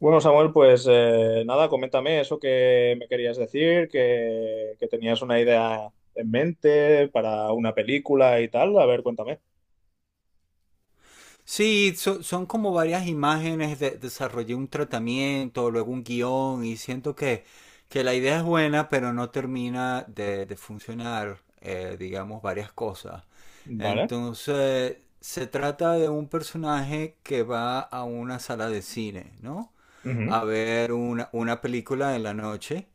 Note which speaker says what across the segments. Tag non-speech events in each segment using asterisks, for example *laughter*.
Speaker 1: Bueno, Samuel, pues nada, coméntame eso que me querías decir, que tenías una idea en mente para una película y tal. A ver, cuéntame.
Speaker 2: Sí, son como varias imágenes, desarrollé un tratamiento, luego un guión y siento que la idea es buena, pero no termina de funcionar, digamos, varias cosas.
Speaker 1: Vale.
Speaker 2: Entonces, se trata de un personaje que va a una sala de cine, ¿no?
Speaker 1: Ujú.
Speaker 2: A ver una película en la noche.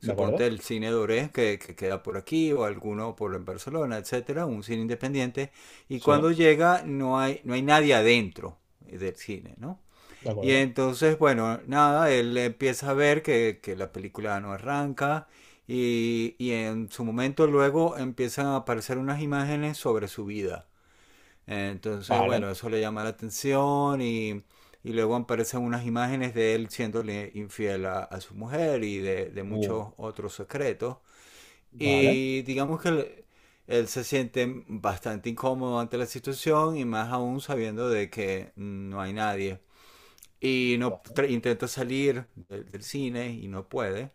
Speaker 1: De acuerdo.
Speaker 2: el cine Doré que queda por aquí o alguno por en Barcelona, etcétera, un cine independiente. Y
Speaker 1: Sí,
Speaker 2: cuando llega no hay nadie adentro del cine, ¿no?
Speaker 1: de
Speaker 2: Y
Speaker 1: acuerdo.
Speaker 2: entonces, bueno, nada, él empieza a ver que la película no arranca, y en su momento luego empiezan a aparecer unas imágenes sobre su vida. Entonces,
Speaker 1: Vale.
Speaker 2: bueno, eso le llama la atención y luego aparecen unas imágenes de él siéndole infiel a su mujer y de
Speaker 1: Uh,
Speaker 2: muchos otros secretos.
Speaker 1: Vale.
Speaker 2: Y digamos que él se siente bastante incómodo ante la situación y más aún sabiendo de que no hay nadie y no
Speaker 1: Va-
Speaker 2: intenta salir del cine y no puede.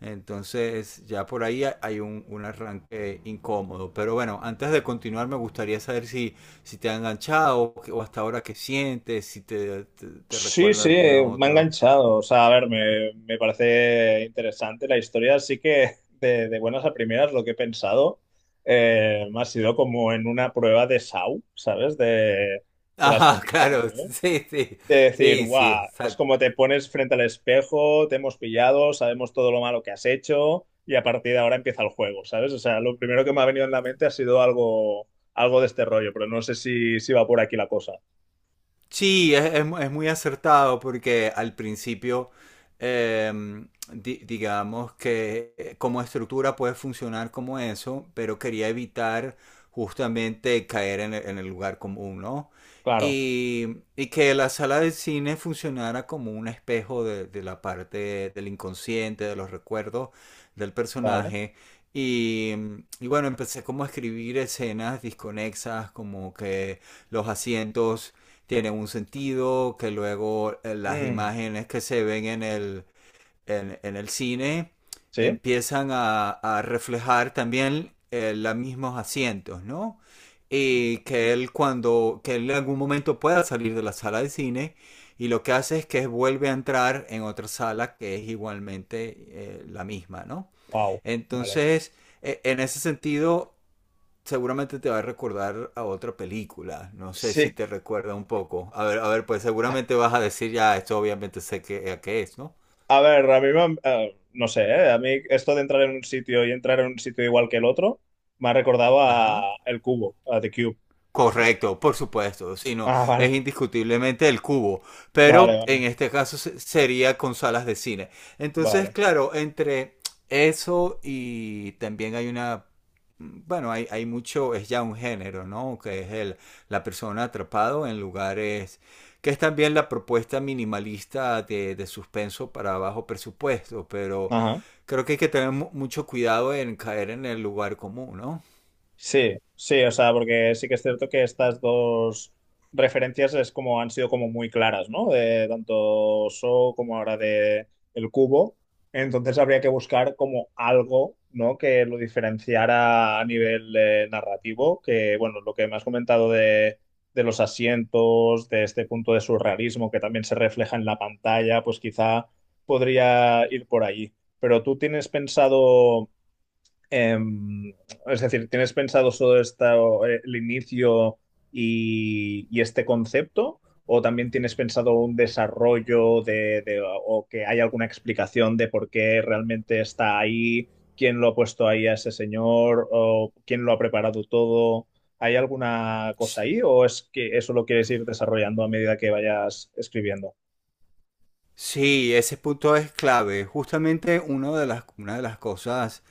Speaker 2: Entonces ya por ahí hay un arranque incómodo. Pero bueno, antes de continuar me gustaría saber si, te ha enganchado o hasta ahora qué sientes, si te
Speaker 1: Sí,
Speaker 2: recuerda
Speaker 1: sí,
Speaker 2: alguna
Speaker 1: me ha
Speaker 2: otra.
Speaker 1: enganchado. O sea, a ver, me parece interesante la historia. Sí que de buenas a primeras lo que he pensado me ha sido como en una prueba de SAU, ¿sabes? De las
Speaker 2: Ajá, *laughs*
Speaker 1: películas. De
Speaker 2: claro,
Speaker 1: S A U.
Speaker 2: sí, sí,
Speaker 1: De decir,
Speaker 2: sí, sí,
Speaker 1: guau, es
Speaker 2: exacto.
Speaker 1: como te pones frente al espejo, te hemos pillado, sabemos todo lo malo que has hecho y a partir de ahora empieza el juego, ¿sabes? O sea, lo primero que me ha venido en la mente ha sido algo, algo de este rollo, pero no sé si va por aquí la cosa.
Speaker 2: Sí, es muy acertado porque al principio, digamos que como estructura puede funcionar como eso, pero quería evitar justamente caer en el lugar común, ¿no?
Speaker 1: Claro,
Speaker 2: Y que la sala de cine funcionara como un espejo de la parte del inconsciente, de los recuerdos del
Speaker 1: vale.
Speaker 2: personaje. Y, y bueno, empecé como a escribir escenas disconexas, como que los asientos tiene un sentido, que luego las
Speaker 1: Mm,
Speaker 2: imágenes que se ven en el, en el cine
Speaker 1: sí,
Speaker 2: empiezan a reflejar también los mismos asientos, ¿no? Y que él en algún momento pueda salir de la sala de cine y lo que hace es que vuelve a entrar en otra sala que es igualmente la misma, ¿no?
Speaker 1: wow, vale.
Speaker 2: Entonces, en ese sentido, seguramente te va a recordar a otra película. No sé
Speaker 1: Sí,
Speaker 2: si te recuerda un poco. A ver, pues seguramente vas a decir ya, esto obviamente sé a qué es, ¿no?
Speaker 1: a ver, a mí me han- no sé, ¿eh? A mí esto de entrar en un sitio y entrar en un sitio igual que el otro me ha recordado
Speaker 2: Ajá.
Speaker 1: a El Cubo, a The Cube.
Speaker 2: Correcto, por supuesto, sino
Speaker 1: Ah,
Speaker 2: es
Speaker 1: vale,
Speaker 2: indiscutiblemente el cubo,
Speaker 1: vale,
Speaker 2: pero en
Speaker 1: vale,
Speaker 2: este caso sería con salas de cine. Entonces,
Speaker 1: vale.
Speaker 2: claro, entre eso y también hay bueno, hay mucho, es ya un género, ¿no? Que es la persona atrapado en lugares, que es también la propuesta minimalista de suspenso para bajo presupuesto, pero
Speaker 1: Ajá.
Speaker 2: creo que hay que tener mucho cuidado en caer en el lugar común, ¿no?
Speaker 1: Sí, sí, o sea, porque sí que es cierto que estas dos referencias es como han sido como muy claras, ¿no? De tanto So como ahora de El Cubo. Entonces habría que buscar como algo, ¿no? Que lo diferenciara a nivel narrativo, que bueno, lo que me has comentado de los asientos, de este punto de surrealismo que también se refleja en la pantalla, pues quizá podría ir por allí. Pero tú tienes pensado eh, es decir, ¿tienes pensado solo esto, el inicio y este concepto? ¿O también tienes pensado un desarrollo de, o que hay alguna explicación de por qué realmente está ahí? ¿Quién lo ha puesto ahí a ese señor? ¿O quién lo ha preparado todo? ¿Hay alguna cosa ahí? ¿O es que eso lo quieres ir desarrollando a medida que vayas escribiendo?
Speaker 2: Sí, ese punto es clave. Justamente una de las cosas,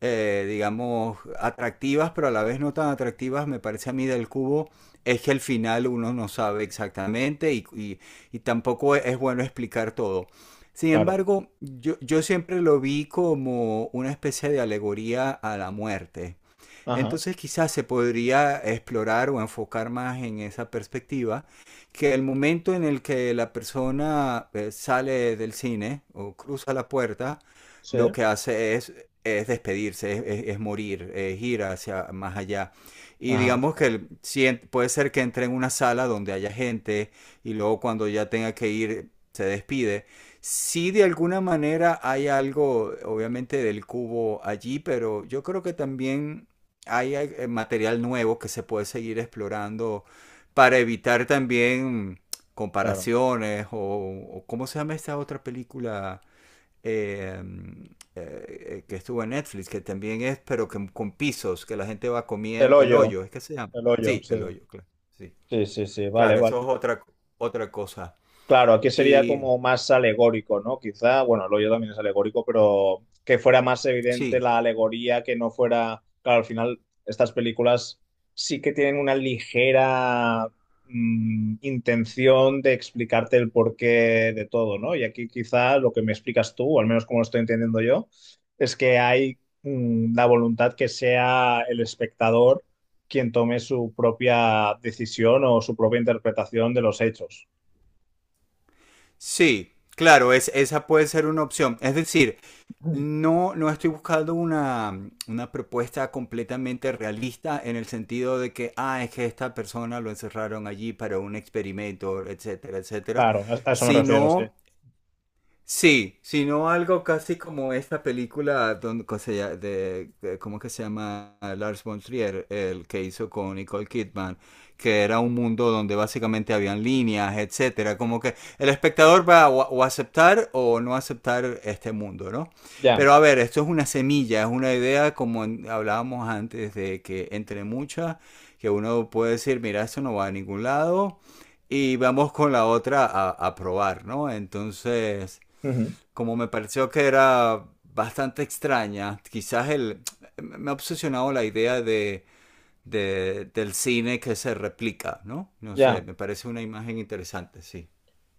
Speaker 2: digamos, atractivas, pero a la vez no tan atractivas, me parece a mí del cubo, es que al final uno no sabe exactamente y tampoco es bueno explicar todo. Sin
Speaker 1: Claro.
Speaker 2: embargo, yo siempre lo vi como una especie de alegoría a la muerte.
Speaker 1: Ajá.
Speaker 2: Entonces quizás se podría explorar o enfocar más en esa perspectiva, que el momento en el que la persona sale del cine o cruza la puerta,
Speaker 1: Sí.
Speaker 2: lo que hace es despedirse, es morir, es ir hacia más allá. Y
Speaker 1: Ajá.
Speaker 2: digamos que
Speaker 1: Vale,
Speaker 2: si en- puede ser que entre en una sala donde haya gente y luego cuando ya tenga que ir se despide. Sí, de alguna manera hay algo, obviamente, del cubo allí, pero yo creo que también hay material nuevo que se puede seguir explorando para evitar también
Speaker 1: claro.
Speaker 2: comparaciones o ¿cómo se llama esta otra película eh, que estuvo en Netflix? Que también es, pero que con pisos, que la gente va
Speaker 1: El
Speaker 2: comiendo, el
Speaker 1: hoyo.
Speaker 2: hoyo, ¿es que se llama?
Speaker 1: El hoyo.
Speaker 2: Sí,
Speaker 1: Sí.
Speaker 2: el hoyo, claro. Sí.
Speaker 1: Sí, sí, sí. Vale,
Speaker 2: Claro, eso
Speaker 1: vale.
Speaker 2: es otra cosa.
Speaker 1: Claro, aquí sería
Speaker 2: Y
Speaker 1: como más alegórico, ¿no? Quizá, bueno, lo yo también es alegórico, pero que fuera más evidente
Speaker 2: sí,
Speaker 1: la alegoría, que no fuera, claro, al final estas películas sí que tienen una ligera mm, intención de explicarte el porqué de todo, ¿no? Y aquí quizá lo que me explicas tú, o al menos como lo estoy entendiendo yo, es que hay mm, la voluntad que sea el espectador quien tome su propia decisión o su propia interpretación de los hechos.
Speaker 2: sí, claro, esa puede ser una opción. Es decir, no, no estoy buscando una propuesta completamente realista en el sentido de que, ah, es que esta persona lo encerraron allí para un experimento, etcétera, etcétera,
Speaker 1: Claro, a eso me refiero, sí.
Speaker 2: sino. Sí, sino algo casi como esta película donde, ¿cómo que se llama? Lars von Trier, el que hizo con Nicole Kidman, que era un mundo donde básicamente habían líneas, etcétera, como que el espectador va a o aceptar o no aceptar este mundo, ¿no?
Speaker 1: Ya,
Speaker 2: Pero a ver, esto es una semilla, es una idea como hablábamos antes de que entre muchas, que uno puede decir, mira, esto no va a ningún lado y vamos con la otra a probar, ¿no? Entonces
Speaker 1: ujú,
Speaker 2: como me pareció que era bastante extraña, quizás me ha obsesionado la idea del cine que se replica, ¿no? No
Speaker 1: ya.
Speaker 2: sé, me parece una imagen interesante, sí.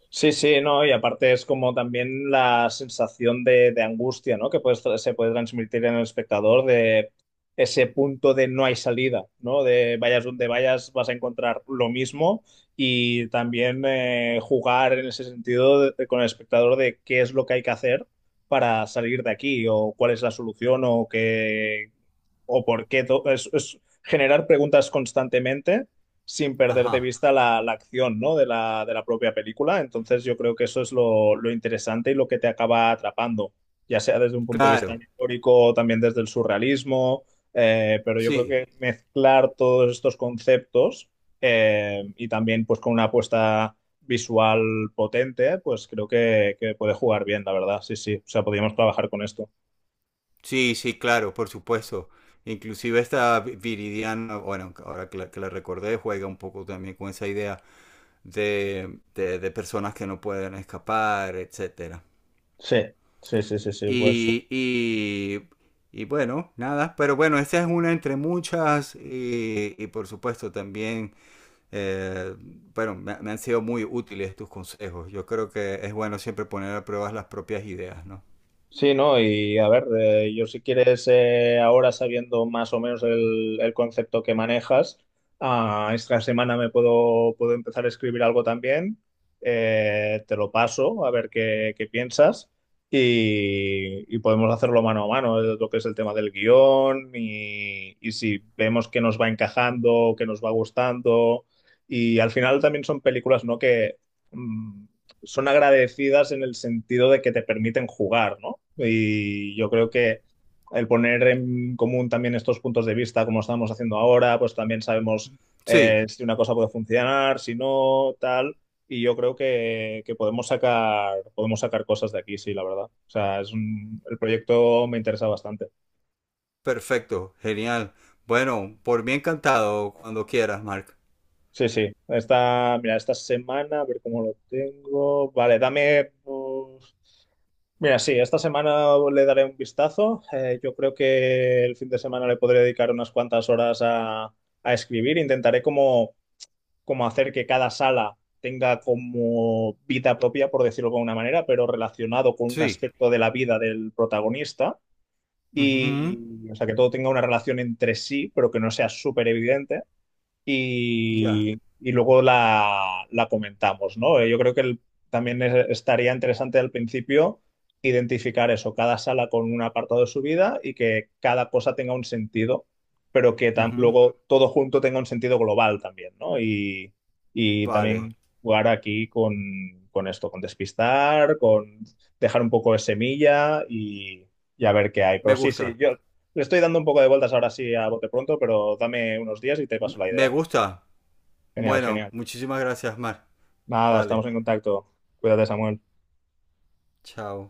Speaker 1: Sí, sí, no, y aparte es como también la sensación de angustia, ¿no? Que se puede transmitir en el espectador de ese punto de no hay salida, ¿no? De vayas donde vayas vas a encontrar lo mismo y también jugar en ese sentido de- con el espectador de qué es lo que hay que hacer para salir de aquí o cuál es la solución o qué o por qué. Es generar preguntas constantemente sin perder de
Speaker 2: Ajá,
Speaker 1: vista la, la acción, ¿no? De la, de la propia película. Entonces yo creo que eso es lo interesante y lo que te acaba atrapando, ya sea desde un punto de vista
Speaker 2: claro,
Speaker 1: histórico, también desde el surrealismo, pero yo creo
Speaker 2: sí,
Speaker 1: que mezclar todos estos conceptos y también pues con una apuesta visual potente, pues creo que puede jugar bien, la verdad, sí, sí. O sea, podríamos trabajar con esto.
Speaker 2: sí, sí, claro, por supuesto. Inclusive esta Viridiana, bueno, ahora que la recordé, juega un poco también con esa idea de personas que no pueden escapar, etcétera.
Speaker 1: Sí, sí, sí, sí, sí, pues.
Speaker 2: Y, y, y bueno, nada, pero bueno, esta es una entre muchas y por supuesto también, eh, bueno, me han sido muy útiles tus consejos. Yo creo que es bueno siempre poner a prueba las propias ideas, ¿no?
Speaker 1: Sí, ¿no? Y a ver, yo si quieres, ahora sabiendo más o menos el concepto que manejas, ah, esta semana me puedo empezar a escribir algo también, te lo paso a ver qué, qué piensas y podemos hacerlo mano a mano, lo que es el tema del guión y si vemos que nos va encajando, que nos va gustando y al final también son películas, ¿no? Que... mm, son agradecidas en el sentido de que te permiten jugar, ¿no? Y yo creo que el poner en común también estos puntos de vista, como estamos haciendo ahora, pues también sabemos
Speaker 2: Sí,
Speaker 1: si una cosa puede funcionar, si no, tal. Y yo creo que podemos sacar cosas de aquí, sí, la verdad. O sea, el proyecto me interesa bastante.
Speaker 2: perfecto, genial. Bueno, por mí encantado, cuando quieras, Mark.
Speaker 1: Sí, sí. Esta, mira, esta semana, a ver cómo lo tengo. Vale, dame. Pues, mira, sí, esta semana le daré un vistazo. Yo creo que el fin de semana le podré dedicar unas cuantas horas a escribir. Intentaré como, como hacer que cada sala tenga como vida propia, por decirlo de alguna manera, pero relacionado con un
Speaker 2: Sí.
Speaker 1: aspecto de la vida del protagonista.
Speaker 2: Ujú.
Speaker 1: Y, o sea, que todo tenga una relación entre sí, pero que no sea súper evidente
Speaker 2: Ya.
Speaker 1: y, y luego la, la comentamos, ¿no? Yo creo que también estaría interesante al principio identificar eso, cada sala con un apartado de su vida y que cada cosa tenga un sentido, pero que
Speaker 2: Ujú.
Speaker 1: luego todo junto tenga un sentido global también, ¿no? Y
Speaker 2: Vale.
Speaker 1: también jugar aquí con esto, con despistar, con dejar un poco de semilla y a ver qué hay. Pero
Speaker 2: Me
Speaker 1: sí, sí,
Speaker 2: gusta.
Speaker 1: yo... Le estoy dando un poco de vueltas ahora sí a bote pronto, pero dame unos días y te paso la
Speaker 2: Me
Speaker 1: idea.
Speaker 2: gusta.
Speaker 1: Genial,
Speaker 2: Bueno,
Speaker 1: genial.
Speaker 2: muchísimas gracias, Mark.
Speaker 1: Nada,
Speaker 2: Vale.
Speaker 1: estamos en contacto. Cuídate, Samuel.
Speaker 2: Chao.